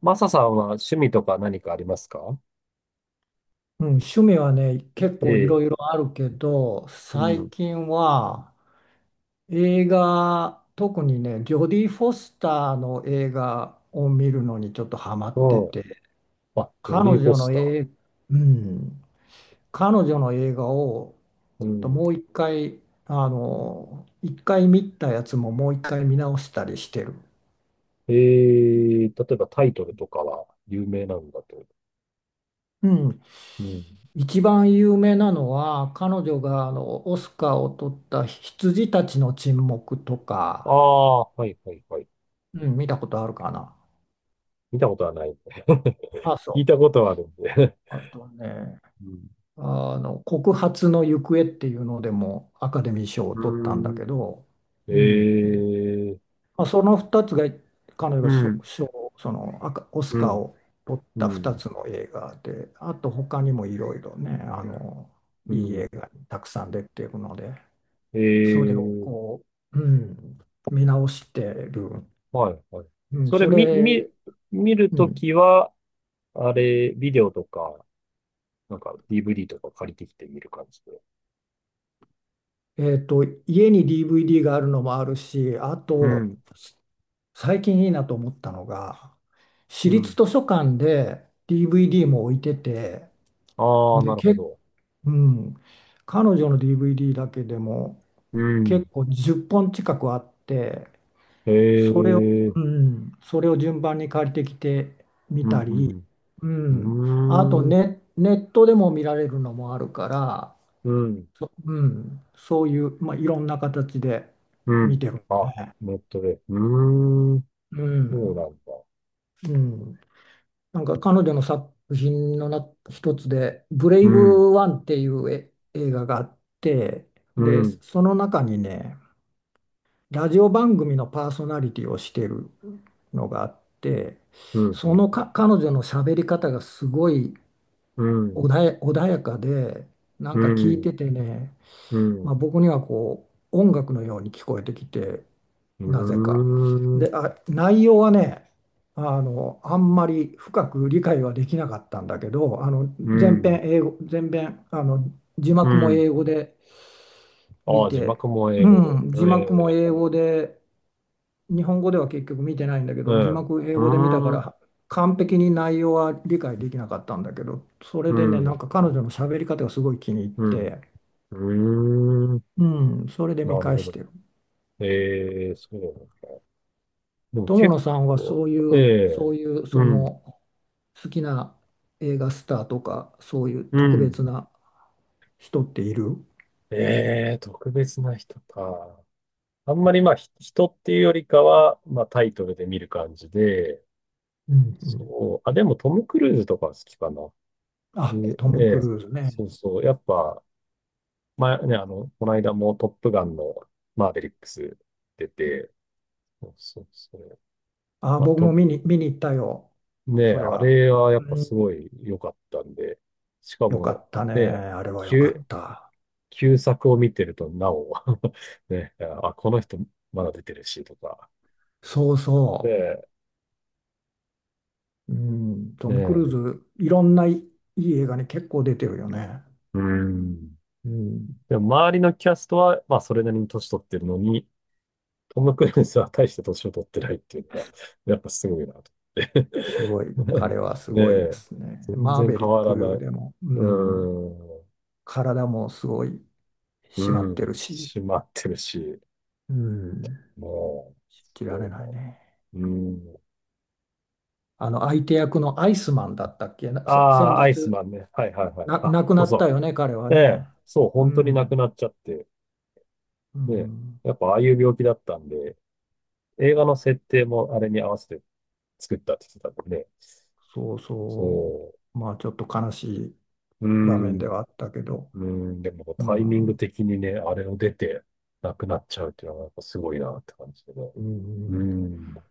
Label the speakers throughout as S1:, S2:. S1: マサさんは趣味とか何かありますか？
S2: うん、趣味はね、結
S1: え
S2: 構い
S1: え、
S2: ろいろあるけど、
S1: うん、
S2: 最
S1: う
S2: 近は映画、特にね、ジョディ・フォスターの映画を見るのにちょっとハマって
S1: ん。
S2: て、
S1: あ、ジョ
S2: 彼
S1: ディ・フォ
S2: 女
S1: ス
S2: の
S1: ター。
S2: 映、うん、彼女の映画を
S1: うん。
S2: もう一回、一回見たやつももう一回見直したりしてる。
S1: ええ、例えばタイトルとかは有名なんだと。
S2: うん、
S1: うん。
S2: 一番有名なのは彼女がオスカーを取った「羊たちの沈黙」と
S1: あ
S2: か。
S1: あ、はいはいはい。
S2: うん、見たことあるかな。
S1: 見たことはないんで。
S2: あ、そ
S1: 聞い
S2: う。
S1: たことはあるんで。
S2: あとね、
S1: うん。
S2: 告発の行方っていうのでもアカデミー賞を
S1: う
S2: 取ったんだ
S1: ーん。
S2: けど、うん。
S1: ええ、
S2: まあ、その2つが、彼女
S1: う
S2: が賞、
S1: ん、
S2: 賞そのアカ、オス
S1: う
S2: カー
S1: ん、
S2: を取っ
S1: う
S2: た
S1: ん、
S2: 2つの映画で、あと他にもいろいろね、
S1: う
S2: いい
S1: ん。
S2: 映画にたくさん出てるので、
S1: え
S2: それを
S1: え、
S2: う、うん、見直してる。
S1: はいはい。
S2: うん、
S1: それ
S2: それ、
S1: 見る
S2: う
S1: と
S2: ん、
S1: きは、あれ、ビデオとかなんか DVD とか借りてきて見る感じで。
S2: えっと、家に DVD があるのもあるし、あ
S1: う
S2: と、
S1: ん。
S2: 最近いいなと思ったのが、
S1: う
S2: 私立
S1: ん。
S2: 図書館で DVD も置いてて、
S1: ああ、
S2: で、
S1: なる
S2: け、
S1: ほど。
S2: うん、彼女の DVD だけでも
S1: うん。
S2: 結構10本近くあって、
S1: へ
S2: それを、う
S1: え。
S2: ん、それを順番に借りてきてみ
S1: う
S2: たり、
S1: ん。
S2: う
S1: う
S2: ん、あと
S1: ん。うーん。
S2: ネットでも見られるのもあるから、
S1: うん。
S2: うん、そういう、まあ、いろんな形で
S1: う
S2: 見
S1: ん。
S2: てる。
S1: あ、ネットで。うーん。
S2: う
S1: そう
S2: ん、
S1: なんだ。
S2: うん、なんか彼女の作品の一つで「ブレイ
S1: うん。
S2: ブワン」っていう映画があって、
S1: う
S2: で
S1: ん。
S2: その中にね、ラジオ番組のパーソナリティをしてるのがあって、
S1: うん。う
S2: そ
S1: ん。
S2: のか彼女の喋り方がすごい
S1: うん。
S2: 穏やかで、な
S1: う
S2: んか聞い
S1: ん。
S2: ててね、
S1: うん。
S2: まあ、僕にはこう音楽のように聞こえてきて、
S1: う
S2: なぜか。
S1: ーん。
S2: で、あ、内容はね、あんまり深く理解はできなかったんだけど、
S1: う
S2: 全編
S1: ん。
S2: 英語、全編字
S1: う
S2: 幕も
S1: ん。
S2: 英語で
S1: あ
S2: 見
S1: あ、字
S2: て、
S1: 幕も英
S2: う
S1: 語で。
S2: ん、
S1: え
S2: 字幕も
S1: え。
S2: 英語で、日本語では結局見てないんだけ
S1: う
S2: ど、字
S1: ん。う
S2: 幕英語で見たか
S1: ーん。
S2: ら完璧に内容は理解できなかったんだけど、それ
S1: う
S2: でね、な
S1: ん。
S2: んか彼女の喋り方がすごい気に入っ
S1: うん。う
S2: て、
S1: ーん。
S2: うん、それで見
S1: なる
S2: 返
S1: ほ
S2: し
S1: ど。
S2: てる。
S1: ええ、そうなんだ。でも
S2: 友
S1: 結
S2: 野さんは
S1: 構、
S2: そうい
S1: え
S2: う、
S1: え、
S2: そういう、
S1: う
S2: そ
S1: ん、
S2: の、好きな映画スターとか、そういう
S1: う
S2: 特
S1: ん。
S2: 別な人っている？
S1: ええ、特別な人か。あんまりまあ、人っていうよりかは、まあタイトルで見る感じで、
S2: うんうん。
S1: そう。あ、でもトム・クルーズとかは好きかな。
S2: あ、
S1: で、
S2: ト
S1: え
S2: ム・ク
S1: え、
S2: ルーズね。
S1: そうそう。やっぱ、まあね、あの、この間もトップガンのマーベリックス出て、そうそうそう。
S2: あ、
S1: まあ、
S2: 僕も
S1: と、
S2: 見に行ったよ。
S1: ねえ、
S2: それ
S1: あ
S2: は。
S1: れはやっぱ
S2: う
S1: す
S2: ん。
S1: ごい良かったんで、しか
S2: よか
S1: も、
S2: ったね。
S1: ねえ、
S2: あれは
S1: き
S2: よ
S1: ゅ
S2: かっ
S1: う
S2: た。
S1: 旧作を見てると、なお ね、あ、この人まだ出てるし、とか。
S2: そうそ
S1: で、
S2: う。うん。ト
S1: ね
S2: ム・クルー
S1: え、
S2: ズ、いろんないい映画に結構出てるよね。
S1: うん。
S2: うん。
S1: でも、周りのキャストは、まあ、それなりに年取ってるのに、トム・クルーズは大して年を取ってないっていうのが、やっぱすごいな、と
S2: すごい。
S1: 思って。
S2: 彼は す
S1: ね
S2: ごいで
S1: え、
S2: すね。
S1: 全
S2: マー
S1: 然
S2: ベリ
S1: 変
S2: ッ
S1: わらない。
S2: ク
S1: う
S2: でも。うん。
S1: ん。
S2: 体もすごい
S1: う
S2: 締まってる
S1: ん。
S2: し、
S1: 閉まってるし、
S2: うん、
S1: もう、
S2: 信じら
S1: そ
S2: れ
S1: うだ。
S2: ないね。
S1: うん。
S2: あの相手役のアイスマンだったっけな、
S1: あ
S2: 先
S1: あ、アイス
S2: 日
S1: マンね。はいはいはい。あ、
S2: 亡く
S1: そ
S2: な
S1: う
S2: った
S1: そ
S2: よね、彼は
S1: う。ええ、
S2: ね。
S1: そう、
S2: う
S1: 本当に亡く
S2: ん、
S1: なっちゃって、
S2: う
S1: ね、
S2: ん、
S1: やっぱああいう病気だったんで、映画の設定もあれに合わせて作ったって言ってたんでね、
S2: そうそ
S1: そ
S2: う。まあちょっと悲しい
S1: う、うー
S2: 場
S1: ん、
S2: 面ではあったけど、
S1: うーん、でも
S2: う
S1: タイミング
S2: ん、
S1: 的にね、あれを出て亡くなっちゃうっていうのはやっぱすごいなって感じでね。
S2: う
S1: うー
S2: ん、
S1: ん。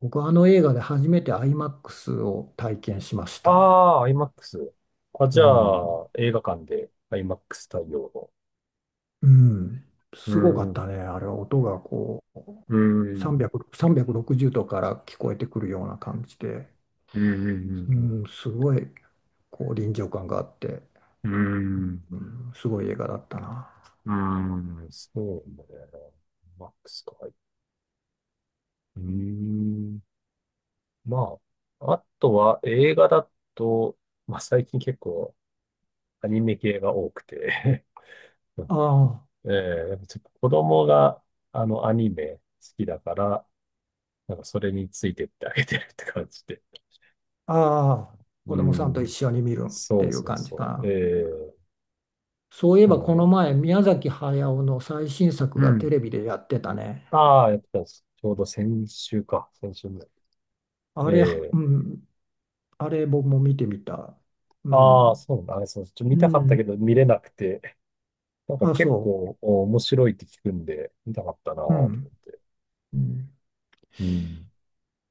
S2: 僕はあの映画で初めてアイマックスを体験しました。
S1: ああ、IMAX。あ、
S2: う
S1: じゃ
S2: ん、
S1: あ、映画館で IMAX 対応の。
S2: うん、
S1: うー
S2: すごか
S1: ん、
S2: っ
S1: う
S2: たね。あれ、音がこう、
S1: ーん、
S2: 300、360度から聞こえてくるような感じで、
S1: うー
S2: う
S1: ん、
S2: ん、すごい、こう、臨場感があって、
S1: うーん、うーん、
S2: うん、すごい映画だったな。
S1: うーん、そうね。マックスか。うーん。まあ、あとは映画だと、まあ最近結構アニメ系が多くて
S2: あ
S1: ええ、やっぱちょっと子供があのアニメ好きだから、なんかそれについてってあげてるって感じで。
S2: あ、ああ、子
S1: う
S2: 供さんと一
S1: ん。
S2: 緒に見るって
S1: そう
S2: いう
S1: そう
S2: 感じか
S1: そう。え
S2: な。
S1: え、
S2: そういえ
S1: そ
S2: ば、
S1: うな
S2: この
S1: の、
S2: 前、宮崎駿の最新作
S1: う
S2: がテ
S1: ん。
S2: レビでやってたね。
S1: ああ、やってたし。ちょうど先週か。先週ぐらい。
S2: あれ、
S1: え
S2: う
S1: え、
S2: ん、あれ、僕も見てみた。う
S1: ああ、
S2: ん、
S1: そうなんだ。あれ、そう、ちょっと
S2: う
S1: 見たかった
S2: ん、
S1: けど見れなくて。なんか
S2: あ、
S1: 結
S2: そ
S1: 構面白いって聞くんで、見たかったなぁと
S2: う。う
S1: 思っ
S2: ん。
S1: て。
S2: うん、
S1: うん。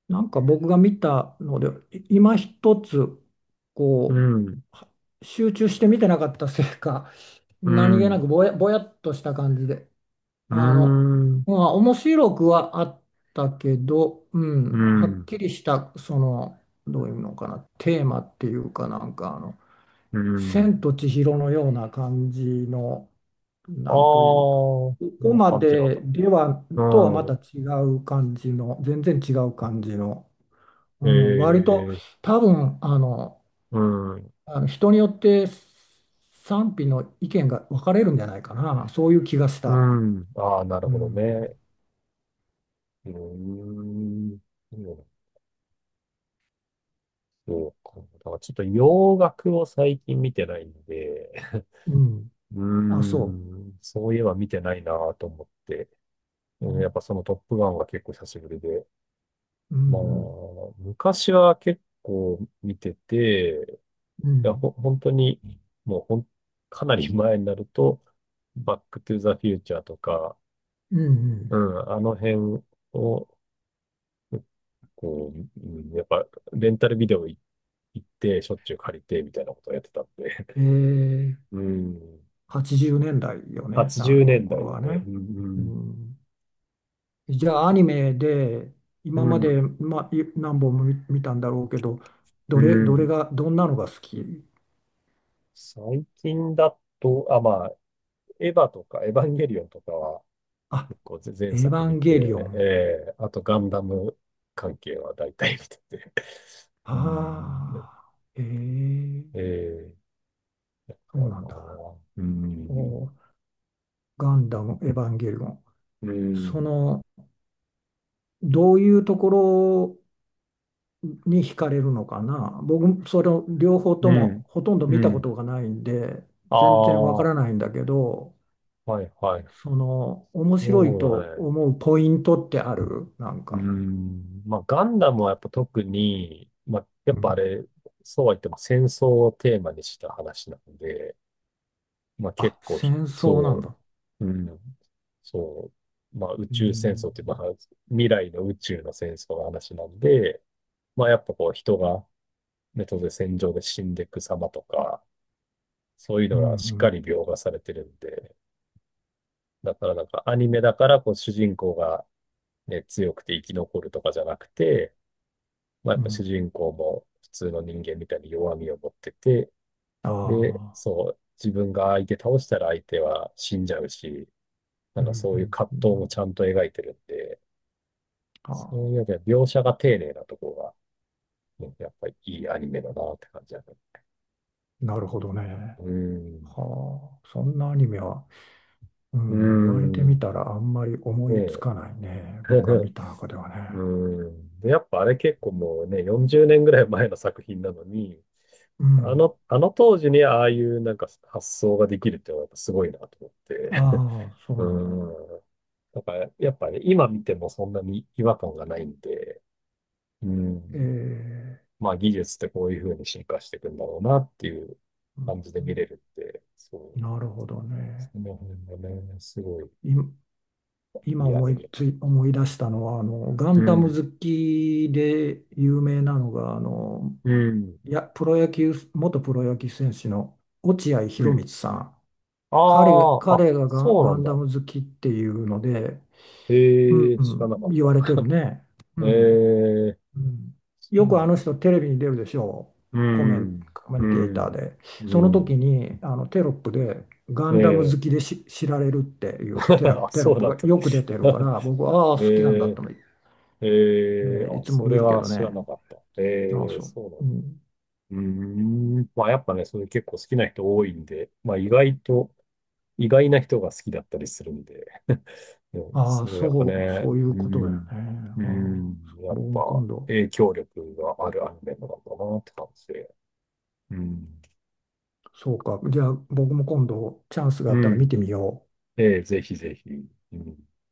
S2: なんか僕が見たので、今一つ、
S1: う
S2: こ
S1: ん、
S2: う、は集中して見てなかったせいか、
S1: う
S2: 何気な
S1: ん、
S2: くぼやっとした感じで、
S1: う
S2: あの、
S1: ん、
S2: まあ、面白くはあったけど、う
S1: う
S2: ん、はっ
S1: ん、
S2: きりした、その、どういうのかな、テーマっていうかなんか、
S1: うん、
S2: 千と千尋のような感じの、
S1: ああ、
S2: なんというか、
S1: こ
S2: こ
S1: ん
S2: こ
S1: な
S2: ま
S1: 感じなん
S2: で
S1: だ。
S2: では、
S1: う
S2: とはまた
S1: ん、
S2: 違う感じの、全然違う感じの、う
S1: え
S2: ん、割と
S1: え、
S2: 多分
S1: うん、
S2: あの人によって賛否の意見が分かれるんじゃないかな、そういう気がし
S1: う
S2: た。
S1: ん。ああ、なる
S2: う
S1: ほどね。
S2: ん、
S1: うーん。そうか。だからちょっと洋楽を最近見てないんで、
S2: うん、
S1: う
S2: あ、
S1: ー
S2: そ
S1: ん、そういえば見てないなぁと思って、
S2: う。う
S1: うん、やっ
S2: ん、
S1: ぱそのトップガンは結構久しぶりで、
S2: う
S1: まあ、
S2: ん、
S1: 昔は結構見てて、
S2: う
S1: いや、
S2: ん、
S1: 本当に、もうかなり前になると、バックトゥザフューチャーとか、
S2: う
S1: う
S2: ん、
S1: ん、あの辺を、こう、うん、やっぱ、レンタルビデオ行って、しょっちゅう借りて、みたいなことをやってたんで。
S2: えー、
S1: うん。
S2: 80年代よね、
S1: 80
S2: あ
S1: 年
S2: の頃
S1: 代で
S2: は
S1: ね。
S2: ね。
S1: う
S2: う
S1: ん、
S2: ん、じゃあ、アニメで
S1: う
S2: 今ま
S1: ん。
S2: で、ま、何本も見たんだろうけど、ど
S1: う
S2: れ、
S1: ん、う
S2: どれ
S1: ん。
S2: が、どんなのが好き？
S1: 最近だと、あ、まあ、エヴァとか、エヴァンゲリオンとかは、
S2: あ、
S1: こう前
S2: エヴ
S1: 作
S2: ァ
S1: 見
S2: ンゲリオ
S1: て、
S2: ン。
S1: あとガンダム関係は大体見てて。うーん、
S2: ああ、ええ、
S1: え
S2: そ
S1: か
S2: うなんだ。
S1: な、うーん、
S2: おー、ガンダム、エヴァンゲリオン。
S1: う
S2: そ
S1: ん、
S2: の、どういうところに惹かれるのかな。僕、それを両方
S1: う
S2: とも
S1: ん、
S2: ほとんど
S1: う
S2: 見たこ
S1: ん。
S2: とがないんで、
S1: ああ、
S2: 全然わか
S1: は
S2: らないんだけど、
S1: いはい。
S2: その、面白い
S1: そうだ
S2: と
S1: ね。
S2: 思うポイントってあるなん
S1: うー
S2: か。
S1: ん、まあガンダムはやっぱ特に、まあやっ
S2: う
S1: ぱあ
S2: ん。
S1: れ、そうは言っても戦争をテーマにした話なので、まあ結
S2: あ、
S1: 構
S2: 戦争なん
S1: そ
S2: だ。
S1: う、うん。そう。まあ、宇
S2: う
S1: 宙戦
S2: ん、
S1: 争って、まあ、未来の宇宙の戦争の話なんで、まあ、やっぱこう、人が、ね、当然戦場で死んでいく様とか、そういう
S2: うん
S1: のはしっ
S2: う
S1: か
S2: ん
S1: り描画されてるんで、だからなんかアニメだから、こう、主人公がね、強くて生き残るとかじゃなくて、まあ、や
S2: う
S1: っぱ主
S2: ん。
S1: 人公も普通の人間みたいに弱みを持ってて、
S2: あ
S1: で、
S2: あ、
S1: そう、自分が相手倒したら相手は死んじゃうし、な
S2: う
S1: ん
S2: ん
S1: かそ
S2: う
S1: ういう
S2: ん
S1: 葛
S2: う
S1: 藤
S2: ん。
S1: もちゃんと描いてるんで、
S2: あ
S1: そ
S2: あ、
S1: ういう意味では描写が丁寧なところが、ね、やっぱりいいアニメだなって感じだね。
S2: なるほどね。
S1: うーん。
S2: はあ、そんなアニメは、う
S1: うー
S2: ん、言われてみ
S1: ん。
S2: たらあんまり思
S1: ね
S2: いつ
S1: え。
S2: かないね。僕が 見た中では
S1: う
S2: ね。
S1: ーん。で、やっぱあれ結構もうね、40年ぐらい前の作品なのに、
S2: うん。
S1: あの当時にああいうなんか発想ができるっていうのはやっぱすごいなと思って。
S2: ああ、そ
S1: う
S2: うなんだ。
S1: ーん。だからやっぱね、今見てもそんなに違和感がないんで、う
S2: え
S1: ん。
S2: え、
S1: まあ技術ってこういうふうに進化していくんだろうなっていう
S2: う
S1: 感じで
S2: ん、
S1: 見れるって、そう、
S2: なるほどね。
S1: その辺がね、すごい
S2: い、今
S1: いいアニメ。
S2: 思い出したのは、ガ
S1: う
S2: ンダム
S1: ん、
S2: 好きで有名なのが、
S1: うん、
S2: いや、プロ野球、元プロ野球選手の落合
S1: う
S2: 博
S1: ん。
S2: 満さん。
S1: あ
S2: 彼、
S1: あ、あ、
S2: 彼がガン、
S1: そうな
S2: ガ
S1: ん
S2: ンダ
S1: だ。
S2: ム好きっていうので、う
S1: え
S2: ん、
S1: え、
S2: う
S1: 知
S2: ん、
S1: らなかっ
S2: 言われて
S1: た。
S2: るね。
S1: え
S2: うん、
S1: え、
S2: うん。
S1: そう
S2: よ
S1: なん
S2: く
S1: だ。
S2: あの人テレビに出るでしょう。
S1: う
S2: コメン、
S1: ん、
S2: コメ
S1: う
S2: ンテーター
S1: ん、
S2: で。
S1: う
S2: その時
S1: ん。
S2: にテロップでガ
S1: え
S2: ンダム
S1: え、
S2: 好きで知られるってい うテロ、
S1: あ、
S2: テロ
S1: そ
S2: ッ
S1: う
S2: プ
S1: なん
S2: が
S1: だ。
S2: よく出てるから、僕はあ あ、
S1: え
S2: 好きなんだ
S1: え、
S2: とてい、え
S1: ええ、
S2: ーい
S1: あ、
S2: つも
S1: そ
S2: 見
S1: れ
S2: るけ
S1: は
S2: ど
S1: 知ら
S2: ね。
S1: なかった。
S2: ああ、
S1: ええ、
S2: そう。
S1: そうなん
S2: う
S1: だ。
S2: ん、
S1: うーん。まあやっぱね、それ結構好きな人多いんで、まあ意外と意外な人が好きだったりするんで、うん、
S2: あ
S1: す
S2: あ、
S1: ごいやっぱ
S2: そう、
S1: ね、
S2: そういう
S1: う
S2: ことだよ
S1: ん、
S2: ね。
S1: う
S2: ああ、
S1: ん、やっ
S2: 僕も
S1: ぱ
S2: 今度、
S1: 影響力があるアニメなんだなって感じで、うん、
S2: そうか。じゃあ僕も今度チャンスがあ
S1: う
S2: ったら見
S1: ん、
S2: てみよう。
S1: ええ、ぜひぜひ、うん